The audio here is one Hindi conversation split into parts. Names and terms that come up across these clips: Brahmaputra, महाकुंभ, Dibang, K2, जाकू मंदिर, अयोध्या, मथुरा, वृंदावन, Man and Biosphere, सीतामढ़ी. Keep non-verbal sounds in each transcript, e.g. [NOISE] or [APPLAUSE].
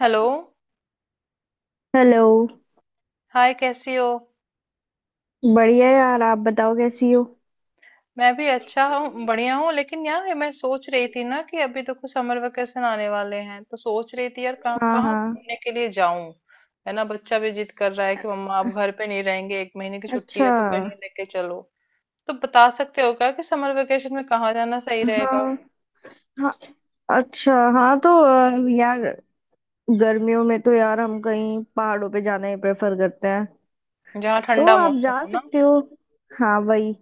हेलो। हेलो। हाय कैसी हो। बढ़िया यार, आप बताओ कैसी हो? मैं भी अच्छा हूँ बढ़िया हूँ। लेकिन यार मैं सोच रही थी ना कि अभी देखो समर वेकेशन आने वाले हैं तो सोच रही थी यार कहाँ हाँ कहाँ हाँ। घूमने के लिए जाऊं। है ना, बच्चा भी जिद कर रहा है कि मम्मा आप घर पे नहीं रहेंगे, एक महीने की छुट्टी अच्छा। है तो कहीं हाँ लेके चलो। तो बता सकते हो क्या कि समर वेकेशन में कहाँ जाना सही रहेगा, हाँ। अच्छा। हाँ तो यार, गर्मियों में तो यार हम कहीं पहाड़ों पे जाना ही प्रेफर करते हैं। जहाँ तो ठंडा आप मौसम जा हो ना। सकते हो। हाँ वही।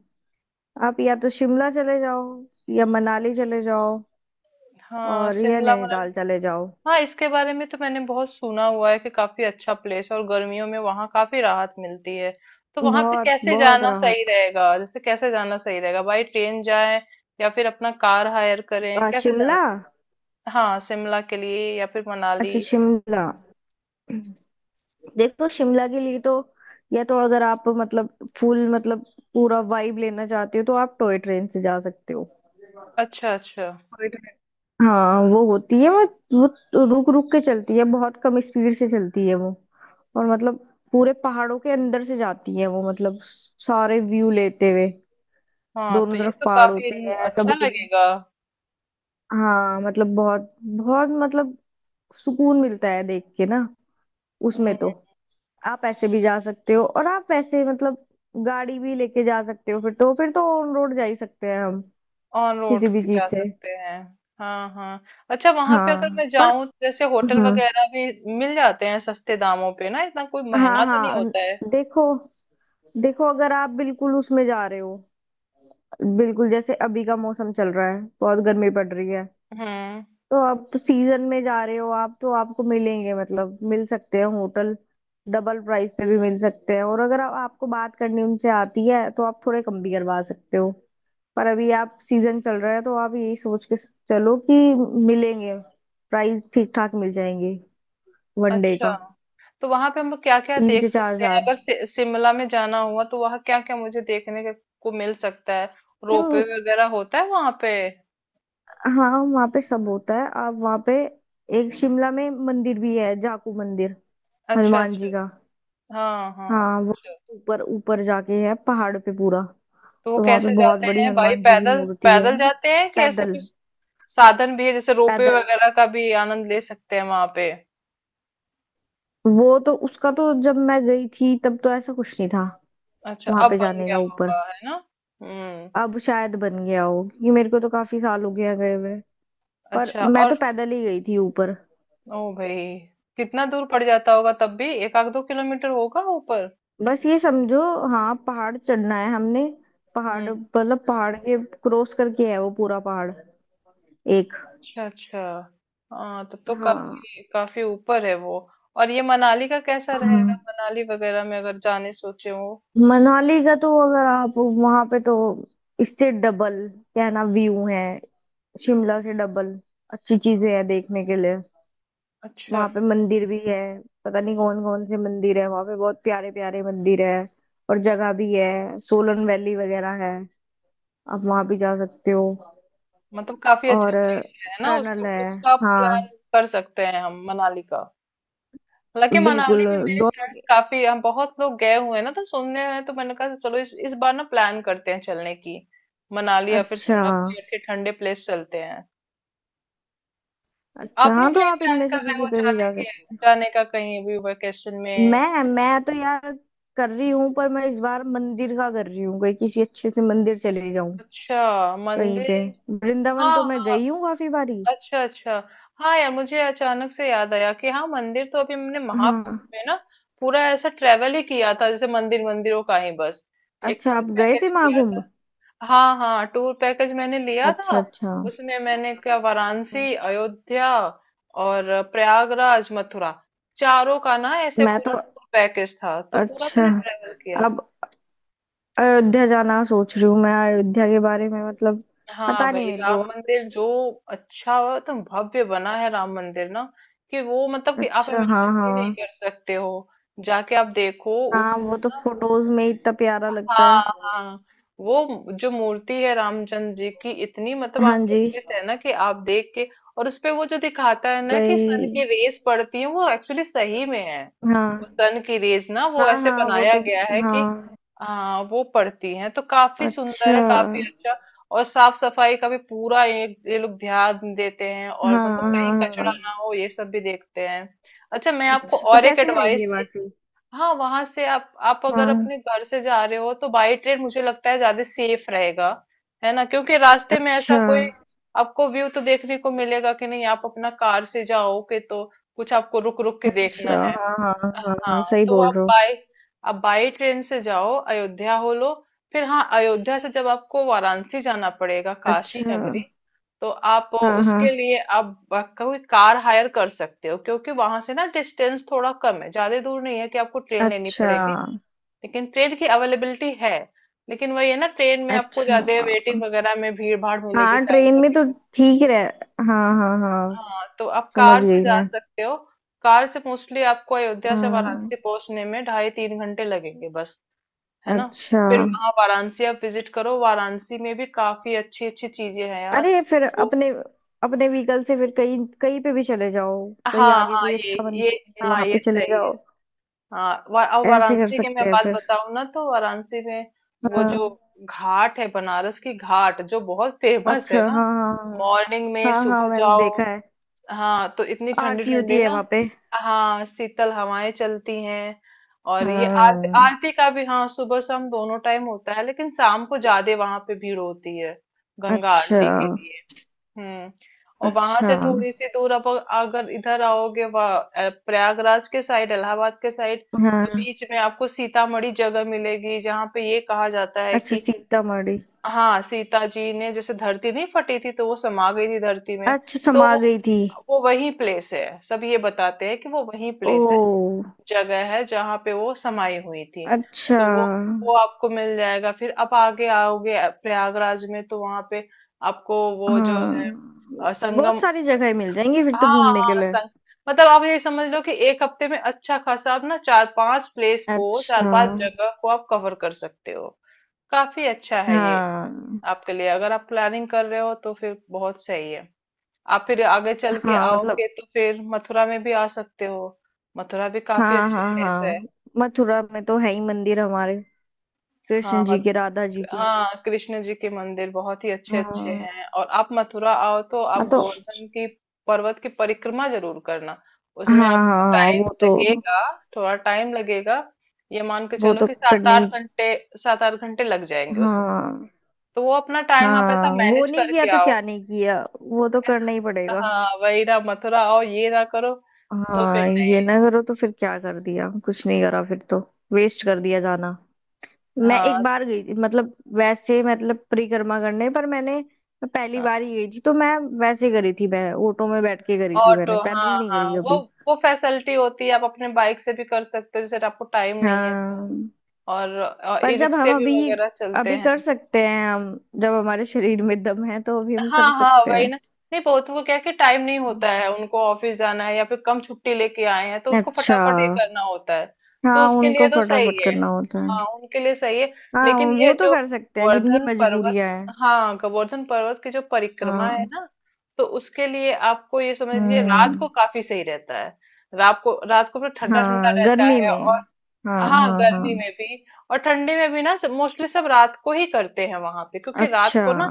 आप या तो शिमला चले जाओ, या मनाली चले जाओ, हाँ और या शिमला मनाली। नैनीताल चले जाओ। हाँ, इसके बारे में तो मैंने बहुत सुना हुआ है कि काफी अच्छा प्लेस है और गर्मियों में वहां काफी राहत मिलती है। तो वहां पे बहुत कैसे बहुत जाना सही राहत। रहेगा, जैसे कैसे जाना सही रहेगा, बाई ट्रेन जाएं या फिर अपना कार हायर करें, कैसे जाना। शिमला। हाँ शिमला के लिए या फिर अच्छा मनाली। शिमला। देखो शिमला के लिए तो, या तो अगर आप मतलब, फुल मतलब, पूरा वाइब लेना चाहते हो तो आप टॉय ट्रेन से जा सकते हो। अच्छा अच्छा। Toy train. हाँ वो होती है वो। वो रुक रुक के चलती है, बहुत कम स्पीड से चलती है वो। और मतलब, पूरे पहाड़ों के अंदर से जाती है वो, मतलब सारे व्यू लेते हुए। हाँ तो दोनों ये तरफ तो पहाड़ काफी होते हैं अच्छा कभी कभी। लगेगा। हाँ मतलब बहुत बहुत मतलब, सुकून मिलता है देख के ना। उसमें हम्म। तो। आप ऐसे भी जा सकते हो और आप वैसे मतलब, गाड़ी भी लेके जा सकते हो, फिर तो ऑन रोड जा ही सकते हैं हम। ऑन रोड किसी भी चीज जा से। सकते हैं। हाँ हाँ। अच्छा वहां पे अगर हाँ मैं पर। जाऊं जैसे होटल हम्म। वगैरह भी मिल जाते हैं सस्ते दामों पे ना, इतना कोई महंगा हाँ तो नहीं हाँ। होता है। देखो। देखो अगर आप बिल्कुल उसमें जा रहे हो, बिल्कुल जैसे अभी का मौसम चल रहा है, बहुत गर्मी पड़ रही है। हम्म। तो आप तो सीजन में जा रहे हो, आप तो आपको मिलेंगे, मतलब मिल सकते हैं होटल। डबल प्राइस पे भी मिल सकते हैं, और अगर आपको बात करनी उनसे आती है तो आप थोड़े कम भी करवा सकते हो। पर अभी आप सीजन चल रहा है तो आप यही सोच के चलो कि मिलेंगे, प्राइस ठीक ठाक मिल जाएंगे। वनडे अच्छा का तो वहां पे हम लोग क्या क्या तीन देख से चार सकते हैं, हजार अगर सि शिमला में जाना हुआ तो वहां क्या क्या मुझे देखने को मिल सकता है। रोपवे लेकिन वगैरह होता है वहां पे। हाँ वहाँ पे सब होता है, आप वहाँ पे, एक शिमला में मंदिर भी है, जाकू मंदिर, अच्छा हनुमान अच्छा। जी का। हाँ हाँ हाँ वो अच्छा। ऊपर ऊपर जाके है पहाड़ पे पूरा। तो वो तो वहाँ पे कैसे बहुत जाते बड़ी हैं भाई, हनुमान जी की पैदल मूर्ति है। पैदल जाते हैं कि ऐसे पैदल। कुछ साधन भी है जैसे रोपवे पैदल। वगैरह का भी आनंद ले सकते हैं वहां पे। वो तो उसका तो जब मैं गई थी तब तो ऐसा कुछ नहीं था, अच्छा वहां अब पे बन जाने गया का ऊपर। होगा है ना। हम्म। अब शायद बन गया हो, ये मेरे को तो काफी साल हो गया गए हुए। पर अच्छा मैं और तो पैदल ही गई थी ऊपर। ओ भाई, कितना दूर पड़ जाता होगा, तब भी एक आध दो किलोमीटर होगा ऊपर। बस ये समझो। हाँ पहाड़ चढ़ना है हमने। पहाड़ हम्म। मतलब पहाड़ के क्रॉस करके है वो, पूरा पहाड़। एक। अच्छा अच्छा। हाँ तब तो हाँ काफी काफी ऊपर है वो। और ये मनाली का कैसा रहेगा, हाँ। मनाली वगैरह में अगर जाने सोचे हो। मनाली का तो, अगर आप वहां पे तो, इससे डबल, क्या है ना व्यू है, शिमला से डबल अच्छी चीजें हैं देखने के लिए। अच्छा वहां पे मंदिर भी है, पता नहीं कौन कौन से मंदिर है वहां पे, बहुत प्यारे प्यारे मंदिर है। और जगह भी है, सोलन वैली वगैरह है, आप वहां भी जा सकते हो। मतलब काफी अच्छा और प्लेस है ना, उसको टनल है। उसका प्लान हाँ कर सकते हैं हम मनाली का। हालांकि मनाली बिल्कुल। में मेरे दोनों फ्रेंड्स के-। काफी हम बहुत लोग गए हुए हैं ना तो सुनने हैं, तो मैंने कहा चलो इस बार ना प्लान करते हैं चलने की। मनाली या फिर अच्छा शिमला, कोई अच्छे ठंडे प्लेस चलते हैं। अच्छा। आपने हाँ तो कहीं आप प्लान इनमें से कर रहे किसी हो पे भी जाने जा के, सकते हो। जाने का कहीं भी वेकेशन में। मैं तो यार कर रही हूँ, पर मैं इस बार मंदिर का कर रही हूँ, कहीं किसी अच्छे से मंदिर चले जाऊं अच्छा कहीं मंदिर। पे। वृंदावन हाँ तो मैं हाँ। गई हूँ काफी बारी। अच्छा अच्छा। हाँ यार मुझे अचानक से याद आया कि हाँ मंदिर तो अभी मैंने महाकुंभ हाँ। में ना पूरा ऐसा ट्रेवल ही किया था, जैसे मंदिर मंदिरों का ही बस एक अच्छा, टूर आप गए थे पैकेज लिया महाकुंभ। था। हाँ हाँ टूर पैकेज मैंने लिया अच्छा था। अच्छा। हम्म। उसमें मैंने क्या, वाराणसी, अयोध्या और प्रयागराज, मथुरा, चारों का ना ऐसे मैं पूरा तो। टूर पैकेज था तो पूरा अच्छा। मैंने ट्रेवल किया। अब अयोध्या जाना सोच रही हूँ मैं, अयोध्या के बारे में मतलब हाँ पता नहीं भाई मेरे को। राम मंदिर जो, अच्छा और एकदम भव्य बना है राम मंदिर ना, कि वो मतलब कि आप अच्छा हाँ इमेजिन भी नहीं हाँ। कर सकते हो, जाके आप देखो हाँ उस। वो तो फोटोज में ही इतना प्यारा लगता है। हाँ हाँ। वो जो मूर्ति है रामचंद्र जी की, इतनी मतलब हाँ जी। आकर्षित है ना कि आप देख के। और उसपे वो जो दिखाता है ना कि सन की वही। रेस पड़ती है, वो एक्चुअली सही में है। वो हाँ सन की रेस ना वो हाँ। ऐसे हाँ वो बनाया तो। गया है कि, हाँ। हाँ वो पड़ती है तो काफी सुंदर अच्छा। है, काफी अच्छा। और साफ सफाई का भी पूरा ये लोग ध्यान देते हैं, और हाँ मतलब कहीं हाँ। हाँ। कचरा ना हो ये सब भी देखते हैं। अच्छा मैं आपको अच्छा तो और एक कैसे जाएंगे एडवाइस। वासी। हाँ वहां से आप अगर अपने हाँ। घर से जा रहे हो तो बाई ट्रेन मुझे लगता है ज्यादा सेफ रहेगा। है ना, क्योंकि रास्ते में ऐसा अच्छा कोई, आपको व्यू तो देखने को मिलेगा कि नहीं। आप अपना कार से जाओ कि तो कुछ आपको रुक रुक के देखना अच्छा। है। हाँ हाँ। हाँ हाँ हाँ सही तो बोल आप रहे हो। बाय, आप बाई ट्रेन से जाओ अयोध्या हो लो। फिर हाँ अयोध्या से जब आपको वाराणसी जाना पड़ेगा, काशी अच्छा। नगरी, तो आप हाँ हाँ। उसके लिए आप कोई कार हायर कर सकते हो क्योंकि वहां से ना डिस्टेंस थोड़ा कम है, ज्यादा दूर नहीं है कि आपको ट्रेन लेनी अच्छा पड़ेगी। लेकिन ट्रेन की अवेलेबिलिटी है। लेकिन वही है ना, ट्रेन में आपको अच्छा। ज्यादा वेटिंग वगैरह में भीड़ भाड़ मिलेगी, हाँ टाइम ट्रेन में तो लगेगा। ठीक रह, हाँ हाँ हाँ। हाँ तो आप समझ कार से गई जा मैं। सकते हो। कार से मोस्टली आपको अयोध्या से हम्म। वाराणसी पहुंचने में ढाई तीन घंटे लगेंगे बस। है ना। अच्छा। फिर वहां वाराणसी आप विजिट करो, वाराणसी में भी काफी अच्छी अच्छी चीजें हैं यार। अरे फिर वो अपने, अपने व्हीकल से फिर कहीं कहीं पे भी चले जाओ। कहीं हाँ आगे हाँ कोई ये अच्छा ये मंदिर मिले हाँ वहां ये पे चले सही है। जाओ। हाँ अब ऐसे कर वाराणसी की सकते मैं हैं बात फिर। बताऊं ना, तो वाराणसी में वो जो हाँ। घाट है, बनारस की घाट जो बहुत [LAUGHS] फेमस अच्छा है ना। हाँ हाँ। मॉर्निंग में हाँ हाँ सुबह हाँ मैंने जाओ, देखा है। हाँ, तो इतनी आरती होती ठंडी-ठंडी है ना, वहां पे। हाँ, शीतल हवाएं चलती हैं। और ये आरती हाँ। आरती का भी हाँ, सुबह शाम दोनों टाइम होता है लेकिन शाम को ज्यादा वहां पे भीड़ होती है गंगा अच्छा आरती के लिए। हम्म। और वहां अच्छा। से थोड़ी सी दूर, अब अगर इधर आओगे प्रयागराज के साइड, इलाहाबाद के साइड, तो हाँ। बीच में आपको सीतामढ़ी जगह मिलेगी जहाँ पे ये कहा जाता है अच्छा कि सीतामढ़ी। हाँ सीता जी ने, जैसे धरती नहीं फटी थी तो वो समा गई थी धरती में। अच्छा तो समा वो गई थी। वो वही प्लेस है, सब ये बताते हैं कि वो वही ओ। प्लेस है, जगह है, जहाँ पे वो समाई हुई थी। अच्छा। तो वो आपको मिल जाएगा। फिर आप आगे आओगे प्रयागराज में तो वहां पे आपको वो जो हाँ है, बहुत संगम। सारी जगह मिल जाएंगी फिर तो हाँ घूमने के हाँ लिए। संग मतलब आप ये समझ लो कि एक हफ्ते में अच्छा खासा आप ना चार पांच प्लेस को, चार अच्छा। पांच जगह को आप कवर कर सकते हो। काफी अच्छा है ये हाँ आपके लिए, अगर आप प्लानिंग कर रहे हो तो फिर बहुत सही है। आप फिर आगे चल के हाँ मतलब। आओगे तो फिर मथुरा में भी आ सकते हो। मथुरा भी काफी हाँ अच्छी हाँ प्लेस है। हाँ। मथुरा में तो है ही मंदिर हमारे, हाँ कृष्ण जी मत, के राधा जी के। हाँ कृष्ण जी के मंदिर बहुत ही अच्छे अच्छे हाँ। हैं, और आप मथुरा आओ तो आप हाँ तो। गोवर्धन की पर्वत की परिक्रमा जरूर करना। हाँ। उसमें हाँ आपको हाँ टाइम वो तो। लगेगा, थोड़ा टाइम लगेगा। ये मान के वो चलो तो कि सात करनी आठ च-। घंटे, सात आठ घंटे लग जाएंगे उसमें। हाँ तो वो अपना टाइम आप ऐसा हाँ। वो मैनेज नहीं किया करके तो आओ। क्या नहीं किया, वो तो करना ही पड़ेगा। हाँ वही ना, मथुरा आओ ये ना करो तो फिर हाँ ये नहीं। ना करो तो फिर क्या कर दिया, कुछ नहीं करा फिर तो। वेस्ट कर दिया जाना। मैं एक हाँ बार गई थी, मतलब वैसे मतलब, परिक्रमा करने पर मैंने, मैं पहली हाँ। बार ही गई थी तो मैं वैसे करी थी, मैं ऑटो में बैठ के करी थी, ऑटो, मैंने पैदल हाँ नहीं हाँ, करी अभी। वो फैसिलिटी होती है, आप अपने बाइक से भी कर सकते हो जैसे आपको टाइम नहीं है तो, हाँ। और पर ई जब हम रिक्शे भी अभी, वगैरह चलते अभी कर हैं। सकते हैं हम, जब हमारे शरीर में दम है तो अभी हम हाँ कर हाँ सकते वही हैं। ना, नहीं बहुत को क्या है कि टाइम नहीं होता है हम्म। उनको, ऑफिस जाना है या फिर कम छुट्टी लेके आए हैं तो उनको अच्छा। फटाफट ये करना होता है। तो हाँ उसके लिए उनको तो सही फटाफट है। करना होता है। हाँ उनके लिए सही है। हाँ लेकिन ये वो तो जो कर सकते हैं जिनकी गोवर्धन पर्वत, मजबूरियां हैं। हाँ गोवर्धन पर्वत की जो परिक्रमा है हाँ। ना तो उसके लिए आपको ये समझ लीजिए रात हम्म। को काफी सही रहता है। रात को, रात को ठंडा ठंडा हाँ रहता गर्मी है, में। और हाँ हाँ हाँ हाँ। गर्मी में भी और ठंडी में भी ना मोस्टली सब रात को ही करते हैं वहां पे, क्योंकि रात अच्छा। को ना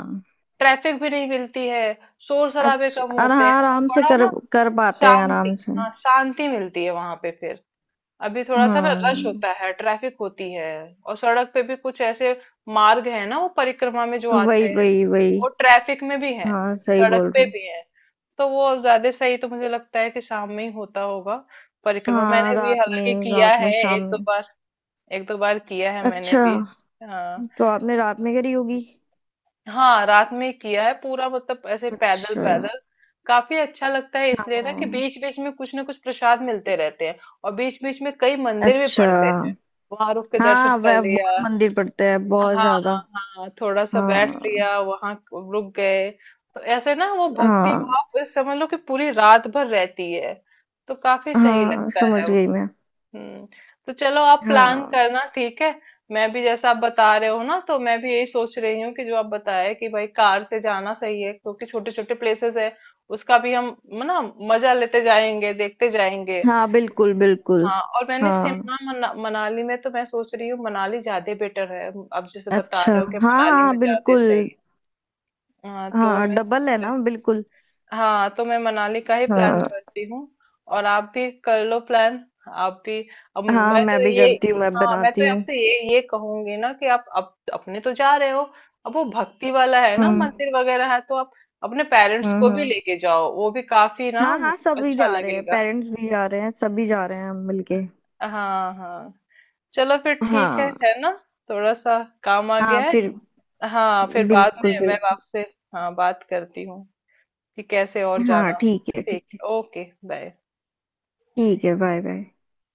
ट्रैफिक भी नहीं मिलती है, शोर शराबे कम अच्छा और हाँ होते हैं और आराम से बड़ा कर, ना कर पाते हैं आराम शांति, से। हाँ शांति मिलती है वहां पे फिर। अभी थोड़ा सा ना रश हाँ होता है, ट्रैफिक होती है और सड़क पे भी कुछ ऐसे मार्ग है ना, वो परिक्रमा में जो वही आते हैं वही वही। वो ट्रैफिक में भी है, हाँ सही सड़क बोल रहे पे हो। भी है। तो वो ज्यादा सही तो मुझे लगता है कि शाम में ही होता होगा। परिक्रमा हाँ मैंने भी हालांकि किया रात है में शाम एक दो में। बार, एक दो बार किया है मैंने अच्छा भी। हाँ, तो आपने रात में करी होगी। हाँ रात में ही किया है पूरा मतलब ऐसे पैदल अच्छा। पैदल। काफी अच्छा लगता है इसलिए ना कि हाँ। बीच बीच में कुछ ना कुछ प्रसाद मिलते रहते हैं, और बीच बीच में कई मंदिर भी अच्छा। पड़ते हैं, वहां रुक के दर्शन हाँ कर वह लिया। बहुत मंदिर पड़ते हैं बहुत हाँ ज्यादा। हाँ थोड़ा सा बैठ हाँ लिया वहां, रुक गए। तो ऐसे ना वो भक्ति हाँ भाव इस समझ लो कि पूरी रात भर रहती है, तो काफी सही हाँ। लगता है। समझ गई मैं। हम्म। तो चलो आप प्लान हाँ करना, ठीक है। मैं भी जैसा आप बता रहे हो ना, तो मैं भी यही सोच रही हूँ कि जो आप बताए कि भाई कार से जाना सही है, क्योंकि छोटे छोटे प्लेसेस है उसका भी हम ना मजा लेते जाएंगे, देखते जाएंगे। हाँ बिल्कुल बिल्कुल। हाँ और मैंने हाँ। शिमला मनाली में तो मैं सोच रही हूँ मनाली ज्यादा बेटर है, आप जैसे बता अच्छा। रहे हो कि हाँ मनाली में हाँ ज्यादा सही बिल्कुल। है। हाँ तो हाँ मैं डबल सोच है रही, ना बिल्कुल। हाँ तो मैं मनाली का ही प्लान हाँ। करती हूँ। और आप भी कर लो प्लान, आप भी। अब हाँ मैं तो मैं भी ये, करती हूँ मैं हाँ मैं बनाती तो हूँ। आपसे ये कहूंगी ना कि आप अपने तो जा रहे हो। अब वो भक्ति वाला है ना, हम्म मंदिर वगैरह है तो आप अपने पेरेंट्स को हम्म भी हम्म। लेके जाओ, वो भी काफी ना हाँ हाँ सभी अच्छा जा रहे हैं लगेगा। पेरेंट्स भी जा रहे हैं सभी जा रहे हैं हम मिलके। हाँ हाँ। चलो फिर ठीक है हाँ। है ना। थोड़ा सा काम आ हाँ गया है। फिर। हाँ फिर बाद बिल्कुल में मैं बिल्कुल। आपसे, हाँ बात करती हूँ कि कैसे और हाँ जाना। ठीक है ठीक है। ठीक, ओके, बाय। ठीक है बाय बाय।